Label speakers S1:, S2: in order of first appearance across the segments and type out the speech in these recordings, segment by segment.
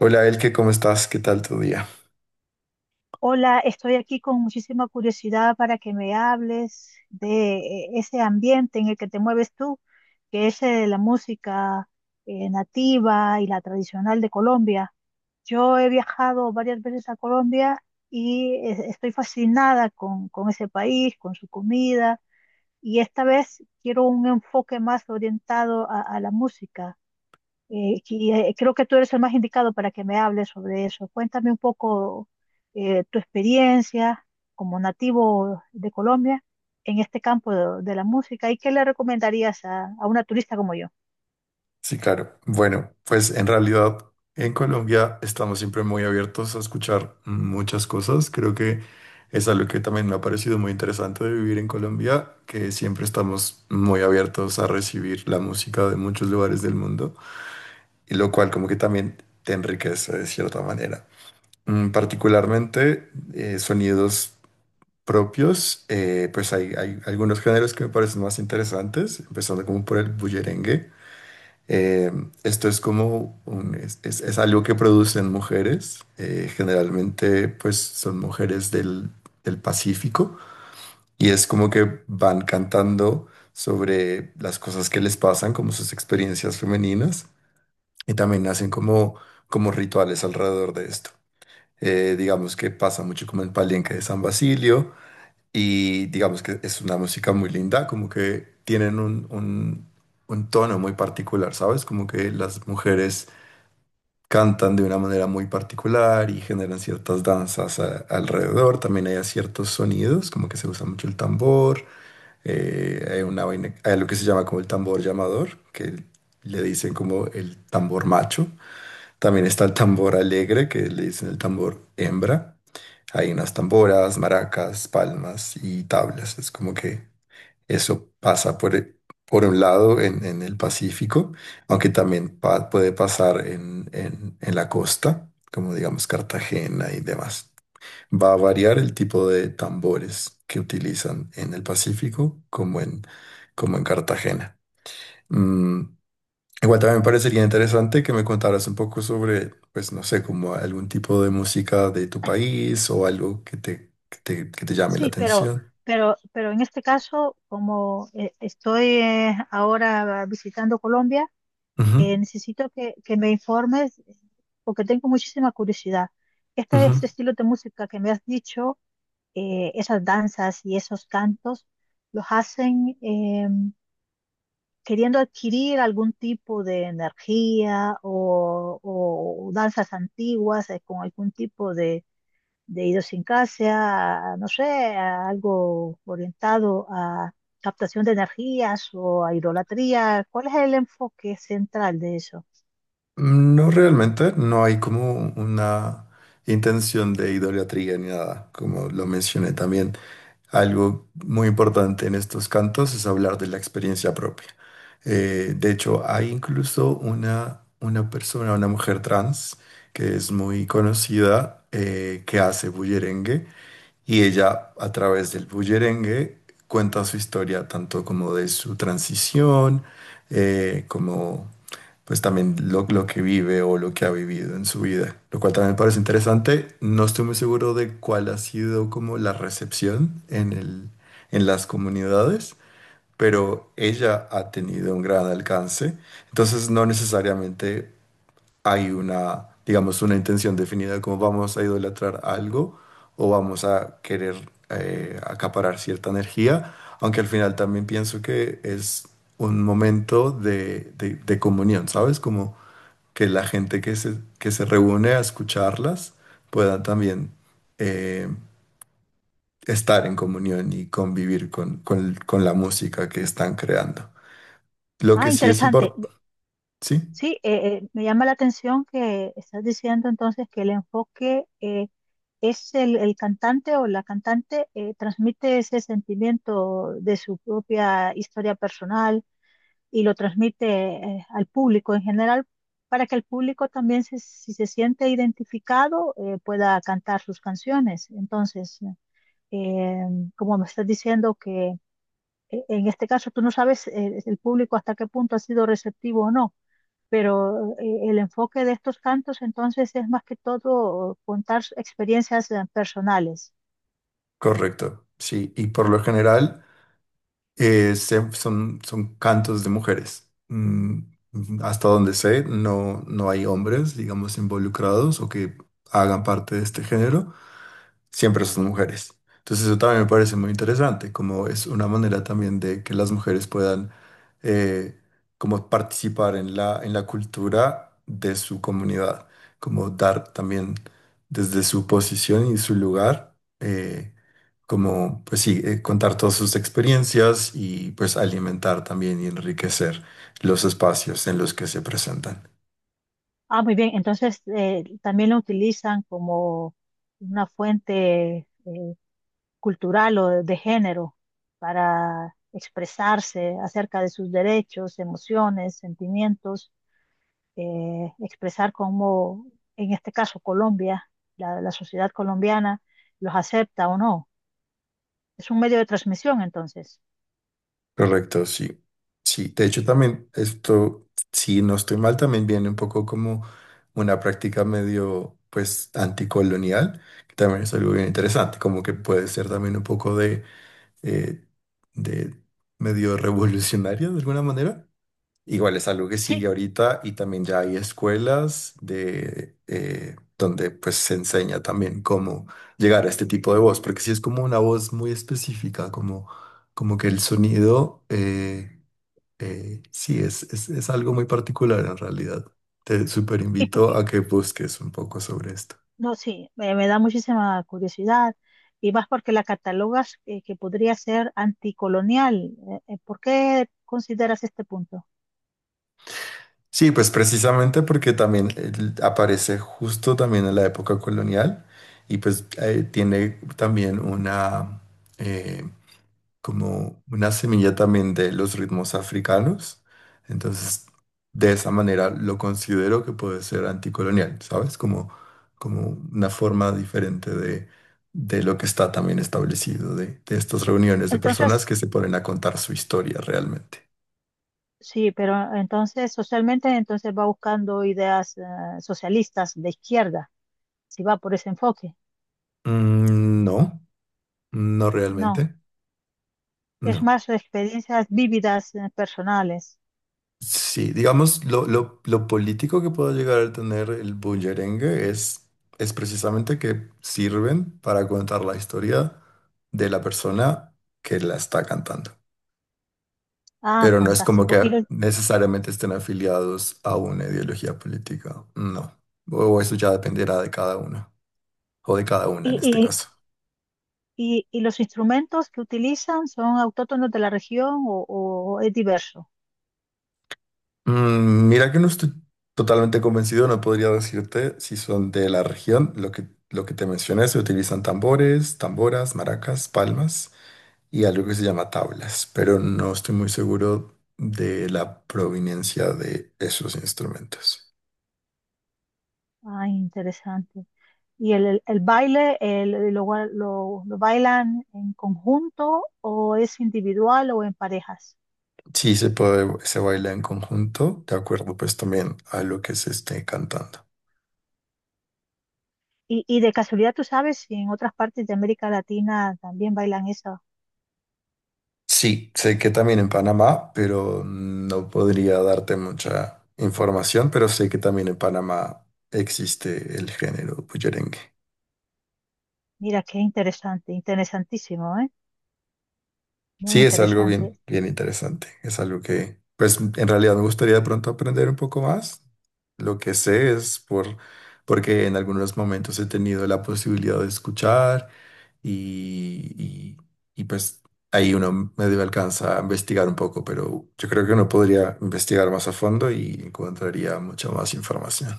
S1: Hola Elke, ¿cómo estás? ¿Qué tal tu día?
S2: Hola, estoy aquí con muchísima curiosidad para que me hables de ese ambiente en el que te mueves tú, que es la música nativa y la tradicional de Colombia. Yo he viajado varias veces a Colombia y estoy fascinada con ese país, con su comida, y esta vez quiero un enfoque más orientado a la música. Creo que tú eres el más indicado para que me hables sobre eso. Cuéntame un poco tu experiencia como nativo de Colombia en este campo de la música y qué le recomendarías a una turista como yo.
S1: Sí, claro. Bueno, pues en realidad en Colombia estamos siempre muy abiertos a escuchar muchas cosas. Creo que es algo que también me ha parecido muy interesante de vivir en Colombia, que siempre estamos muy abiertos a recibir la música de muchos lugares del mundo, y lo cual como que también te enriquece de cierta manera. Particularmente sonidos propios, pues hay algunos géneros que me parecen más interesantes, empezando como por el bullerengue. Eh, esto es como es algo que producen mujeres, generalmente pues son mujeres del Pacífico y es como que van cantando sobre las cosas que les pasan, como sus experiencias femeninas y también hacen como rituales alrededor de esto. Digamos que pasa mucho como el palenque de San Basilio y digamos que es una música muy linda, como que tienen un tono muy particular, ¿sabes? Como que las mujeres cantan de una manera muy particular y generan ciertas danzas alrededor. También hay ciertos sonidos, como que se usa mucho el tambor. Hay una vaina, hay lo que se llama como el tambor llamador, que le dicen como el tambor macho. También está el tambor alegre, que le dicen el tambor hembra. Hay unas tamboras, maracas, palmas y tablas. Es como que eso pasa por un lado en el Pacífico, aunque también puede pasar en la costa, como digamos Cartagena y demás. Va a variar el tipo de tambores que utilizan en el Pacífico como en Cartagena. Mm, Igual también me parecería interesante que me contaras un poco sobre, pues no sé, como algún tipo de música de tu país o algo que que te llame la
S2: Sí,
S1: atención.
S2: pero en este caso, como estoy ahora visitando Colombia,
S1: Ujú,
S2: necesito que me informes porque tengo muchísima curiosidad.
S1: ujú.
S2: Este estilo de música que me has dicho esas danzas y esos cantos, los hacen queriendo adquirir algún tipo de energía o danzas antiguas con algún tipo de idiosincrasia, no sé, a algo orientado a captación de energías o a idolatría. ¿Cuál es el enfoque central de eso?
S1: No realmente, no hay como una intención de idolatría ni nada, como lo mencioné también. Algo muy importante en estos cantos es hablar de la experiencia propia. De hecho, hay incluso una persona, una mujer trans, que es muy conocida, que hace bullerengue y ella, a través del bullerengue, cuenta su historia, tanto como de su transición, como pues también lo que vive o lo que ha vivido en su vida, lo cual también me parece interesante. No estoy muy seguro de cuál ha sido como la recepción en las comunidades, pero ella ha tenido un gran alcance. Entonces, no necesariamente hay una, digamos, una intención definida de cómo vamos a idolatrar algo o vamos a querer acaparar cierta energía, aunque al final también pienso que es un momento de, de comunión, ¿sabes? Como que la gente que que se reúne a escucharlas pueda también eh, estar en comunión y convivir con, con la música que están creando. Lo
S2: Ah,
S1: que sí es
S2: interesante.
S1: importante, sí,
S2: Sí, me llama la atención que estás diciendo entonces que el enfoque es el cantante o la cantante transmite ese sentimiento de su propia historia personal y lo transmite al público en general para que el público también se- si se siente identificado pueda cantar sus canciones. Entonces, eh, como me estás diciendo que en este caso tú no sabes el público hasta qué punto ha sido receptivo o no, pero el enfoque de estos cantos entonces es más que todo contar s- experiencias personales.
S1: correcto, sí, y por lo general... son cantos de mujeres. Mm, mm, hasta donde sé, no, no hay hombres, digamos, involucrados o que hagan parte de este género siempre son mujeres. Entonces eso también me parece muy interesante, como es una manera también de que las mujeres puedan eh, como participar en la cultura de su comunidad, como dar también desde su posición y su lugar, como pues sí, contar todas sus experiencias y pues alimentar también y enriquecer los espacios en los que se presentan.
S2: Ah, muy bien, entonces también lo utilizan como una fuente cultural o de género para expresarse acerca de sus derechos, emociones, sentimientos, expresar cómo, en este caso Colombia, la sociedad colombiana los acepta o no. Es un medio de transmisión entonces.
S1: Correcto, sí. Sí, de hecho también esto, si no estoy mal, también viene un poco como una práctica medio, pues, anticolonial, que también es algo bien interesante, como que puede ser también un poco eh, de medio revolucionario de alguna manera. Igual es algo que
S2: Sí,
S1: sigue ahorita y también ya hay escuelas de, donde pues se enseña también cómo llegar a este tipo de voz, porque si es como una voz muy específica, como, como que el sonido, sí, es algo muy particular en realidad. Te súper
S2: ¿y por
S1: invito
S2: qué?
S1: a que busques un poco sobre esto.
S2: No, sí, me da muchísima curiosidad y más porque la catalogas que podría ser anticolonial. ¿Por qué consideras este punto?
S1: Sí, pues precisamente porque también aparece justo también en la época colonial y pues tiene también una... eh, como una semilla también de los ritmos africanos. Entonces, de esa manera lo considero que puede ser anticolonial, ¿sabes? Como, como una forma diferente de lo que está también establecido, de estas reuniones de personas
S2: Entonces,
S1: que se ponen a contar su historia realmente.
S2: sí, pero entonces socialmente entonces va buscando ideas socialistas de izquierda, si va por ese enfoque.
S1: Mm, no, no
S2: No,
S1: realmente,
S2: es
S1: no.
S2: más experiencias vívidas personales.
S1: Sí, digamos, lo político que puede llegar a tener el bullerengue es precisamente que sirven para contar la historia de la persona que la está cantando.
S2: Ah,
S1: Pero no es como
S2: fantástico. ¿Y
S1: que
S2: los,
S1: necesariamente estén afiliados a una ideología política, no. O eso ya dependerá de cada uno, o de cada una en
S2: y,
S1: este
S2: y,
S1: caso.
S2: y los instrumentos que utilizan son autóctonos de la región o es diverso?
S1: Mm, mira que no estoy totalmente convencido, no podría decirte si son de la región. Lo que te mencioné, se utilizan tambores, tamboras, maracas, palmas y algo que se llama tablas, pero no estoy muy seguro de la proveniencia de esos instrumentos.
S2: Ah, interesante. ¿Y el baile el- lo bailan en conjunto o es individual o en parejas?
S1: Sí se puede, se baila en conjunto, de acuerdo pues también a lo que se esté cantando.
S2: Y de casualidad tú sabes si en otras partes de América Latina también bailan eso.
S1: Sí, sé que también en Panamá, pero no podría darte mucha información, pero sé que también en Panamá existe el género bullerengue.
S2: Mira, qué interesante, interesantísimo, ¿eh? Muy
S1: Sí, es algo
S2: interesante,
S1: bien, bien interesante. Es algo que, pues, en realidad me gustaría de pronto aprender un poco más. Lo que sé es por, porque en algunos momentos he tenido la posibilidad de escuchar y, y- y, pues ahí uno medio alcanza a investigar un poco, pero yo creo que uno podría investigar más a fondo y encontraría mucha más información.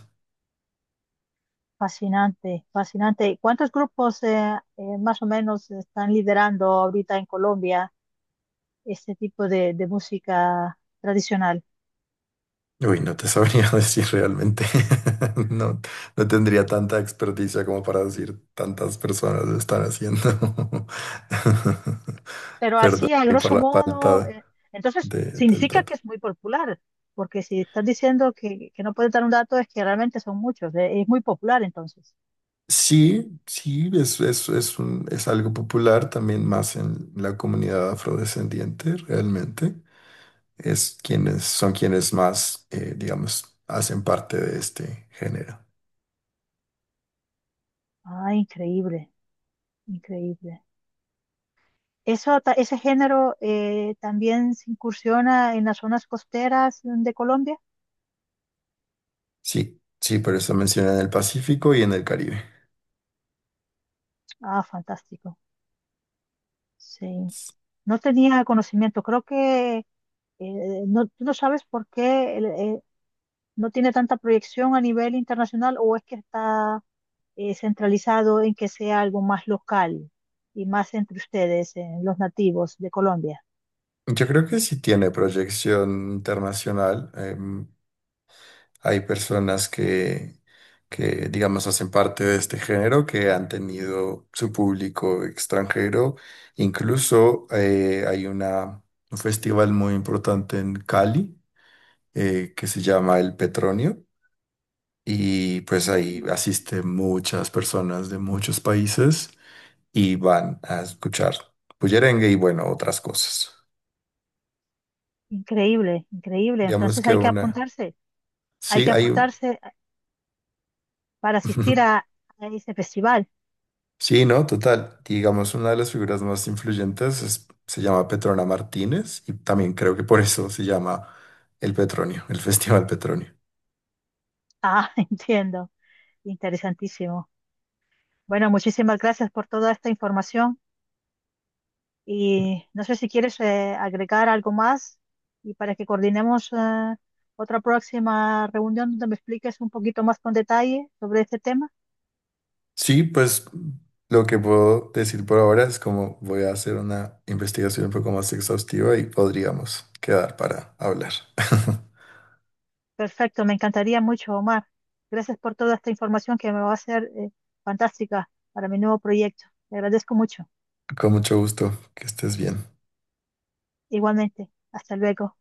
S2: fascinante, fascinante. ¿Cuántos grupos más o menos están liderando ahorita en Colombia este tipo de música tradicional?
S1: Uy, no te sabría decir realmente. No, no tendría tanta experticia como para decir tantas personas lo están haciendo.
S2: Pero
S1: Perdón
S2: así, a
S1: ahí por
S2: grosso
S1: la
S2: modo, entonces
S1: del
S2: significa
S1: dato.
S2: que es muy popular, porque si estás diciendo que no puedes dar un dato es que realmente son muchos, es muy popular entonces.
S1: Sí, sí, es algo popular también más en la comunidad afrodescendiente, realmente. Es son quienes más, digamos, hacen parte de este género.
S2: Ah, increíble, increíble. Eso, ta- ese género también se incursiona en las zonas costeras de Colombia.
S1: Sí, sí, por eso mencioné en el Pacífico y en el Caribe.
S2: Ah, fantástico. Sí. No tenía conocimiento. Creo que no, tú no sabes por qué el- no tiene tanta proyección a nivel internacional o es que está centralizado en que sea algo más local y más entre ustedes, los nativos de Colombia.
S1: Yo creo que sí tiene proyección internacional. Hay personas que, digamos, hacen parte de este género, que han tenido su público extranjero. Incluso hay una, un festival muy importante en Cali que se llama El Petronio. Y pues ahí
S2: Mm,
S1: asisten muchas personas de muchos países y van a escuchar bullerengue y bueno, otras cosas.
S2: increíble, increíble.
S1: Digamos
S2: Entonces
S1: que
S2: hay que
S1: una...
S2: apuntarse, hay
S1: Sí,
S2: que
S1: hay un...
S2: apostarse para asistir
S1: Ujú.
S2: a ese festival.
S1: Sí, no, total. Digamos, una de las figuras más influyentes se llama Petrona Martínez y también creo que por eso se llama el Petronio, el Festival Petronio.
S2: Ah, entiendo. Interesantísimo. Bueno, muchísimas gracias por toda esta información. Y no sé si quieres agregar algo más y para que coordinemos otra próxima reunión donde me expliques un poquito más con detalle sobre este tema.
S1: Sí, pues lo que puedo decir por ahora es como voy a hacer una investigación un poco más exhaustiva y podríamos quedar para hablar.
S2: Perfecto, me encantaría mucho, Omar. Gracias por toda esta información que me va a ser fantástica para mi nuevo proyecto. Te agradezco mucho.
S1: Con mucho gusto, que estés bien.
S2: Igualmente, hasta luego.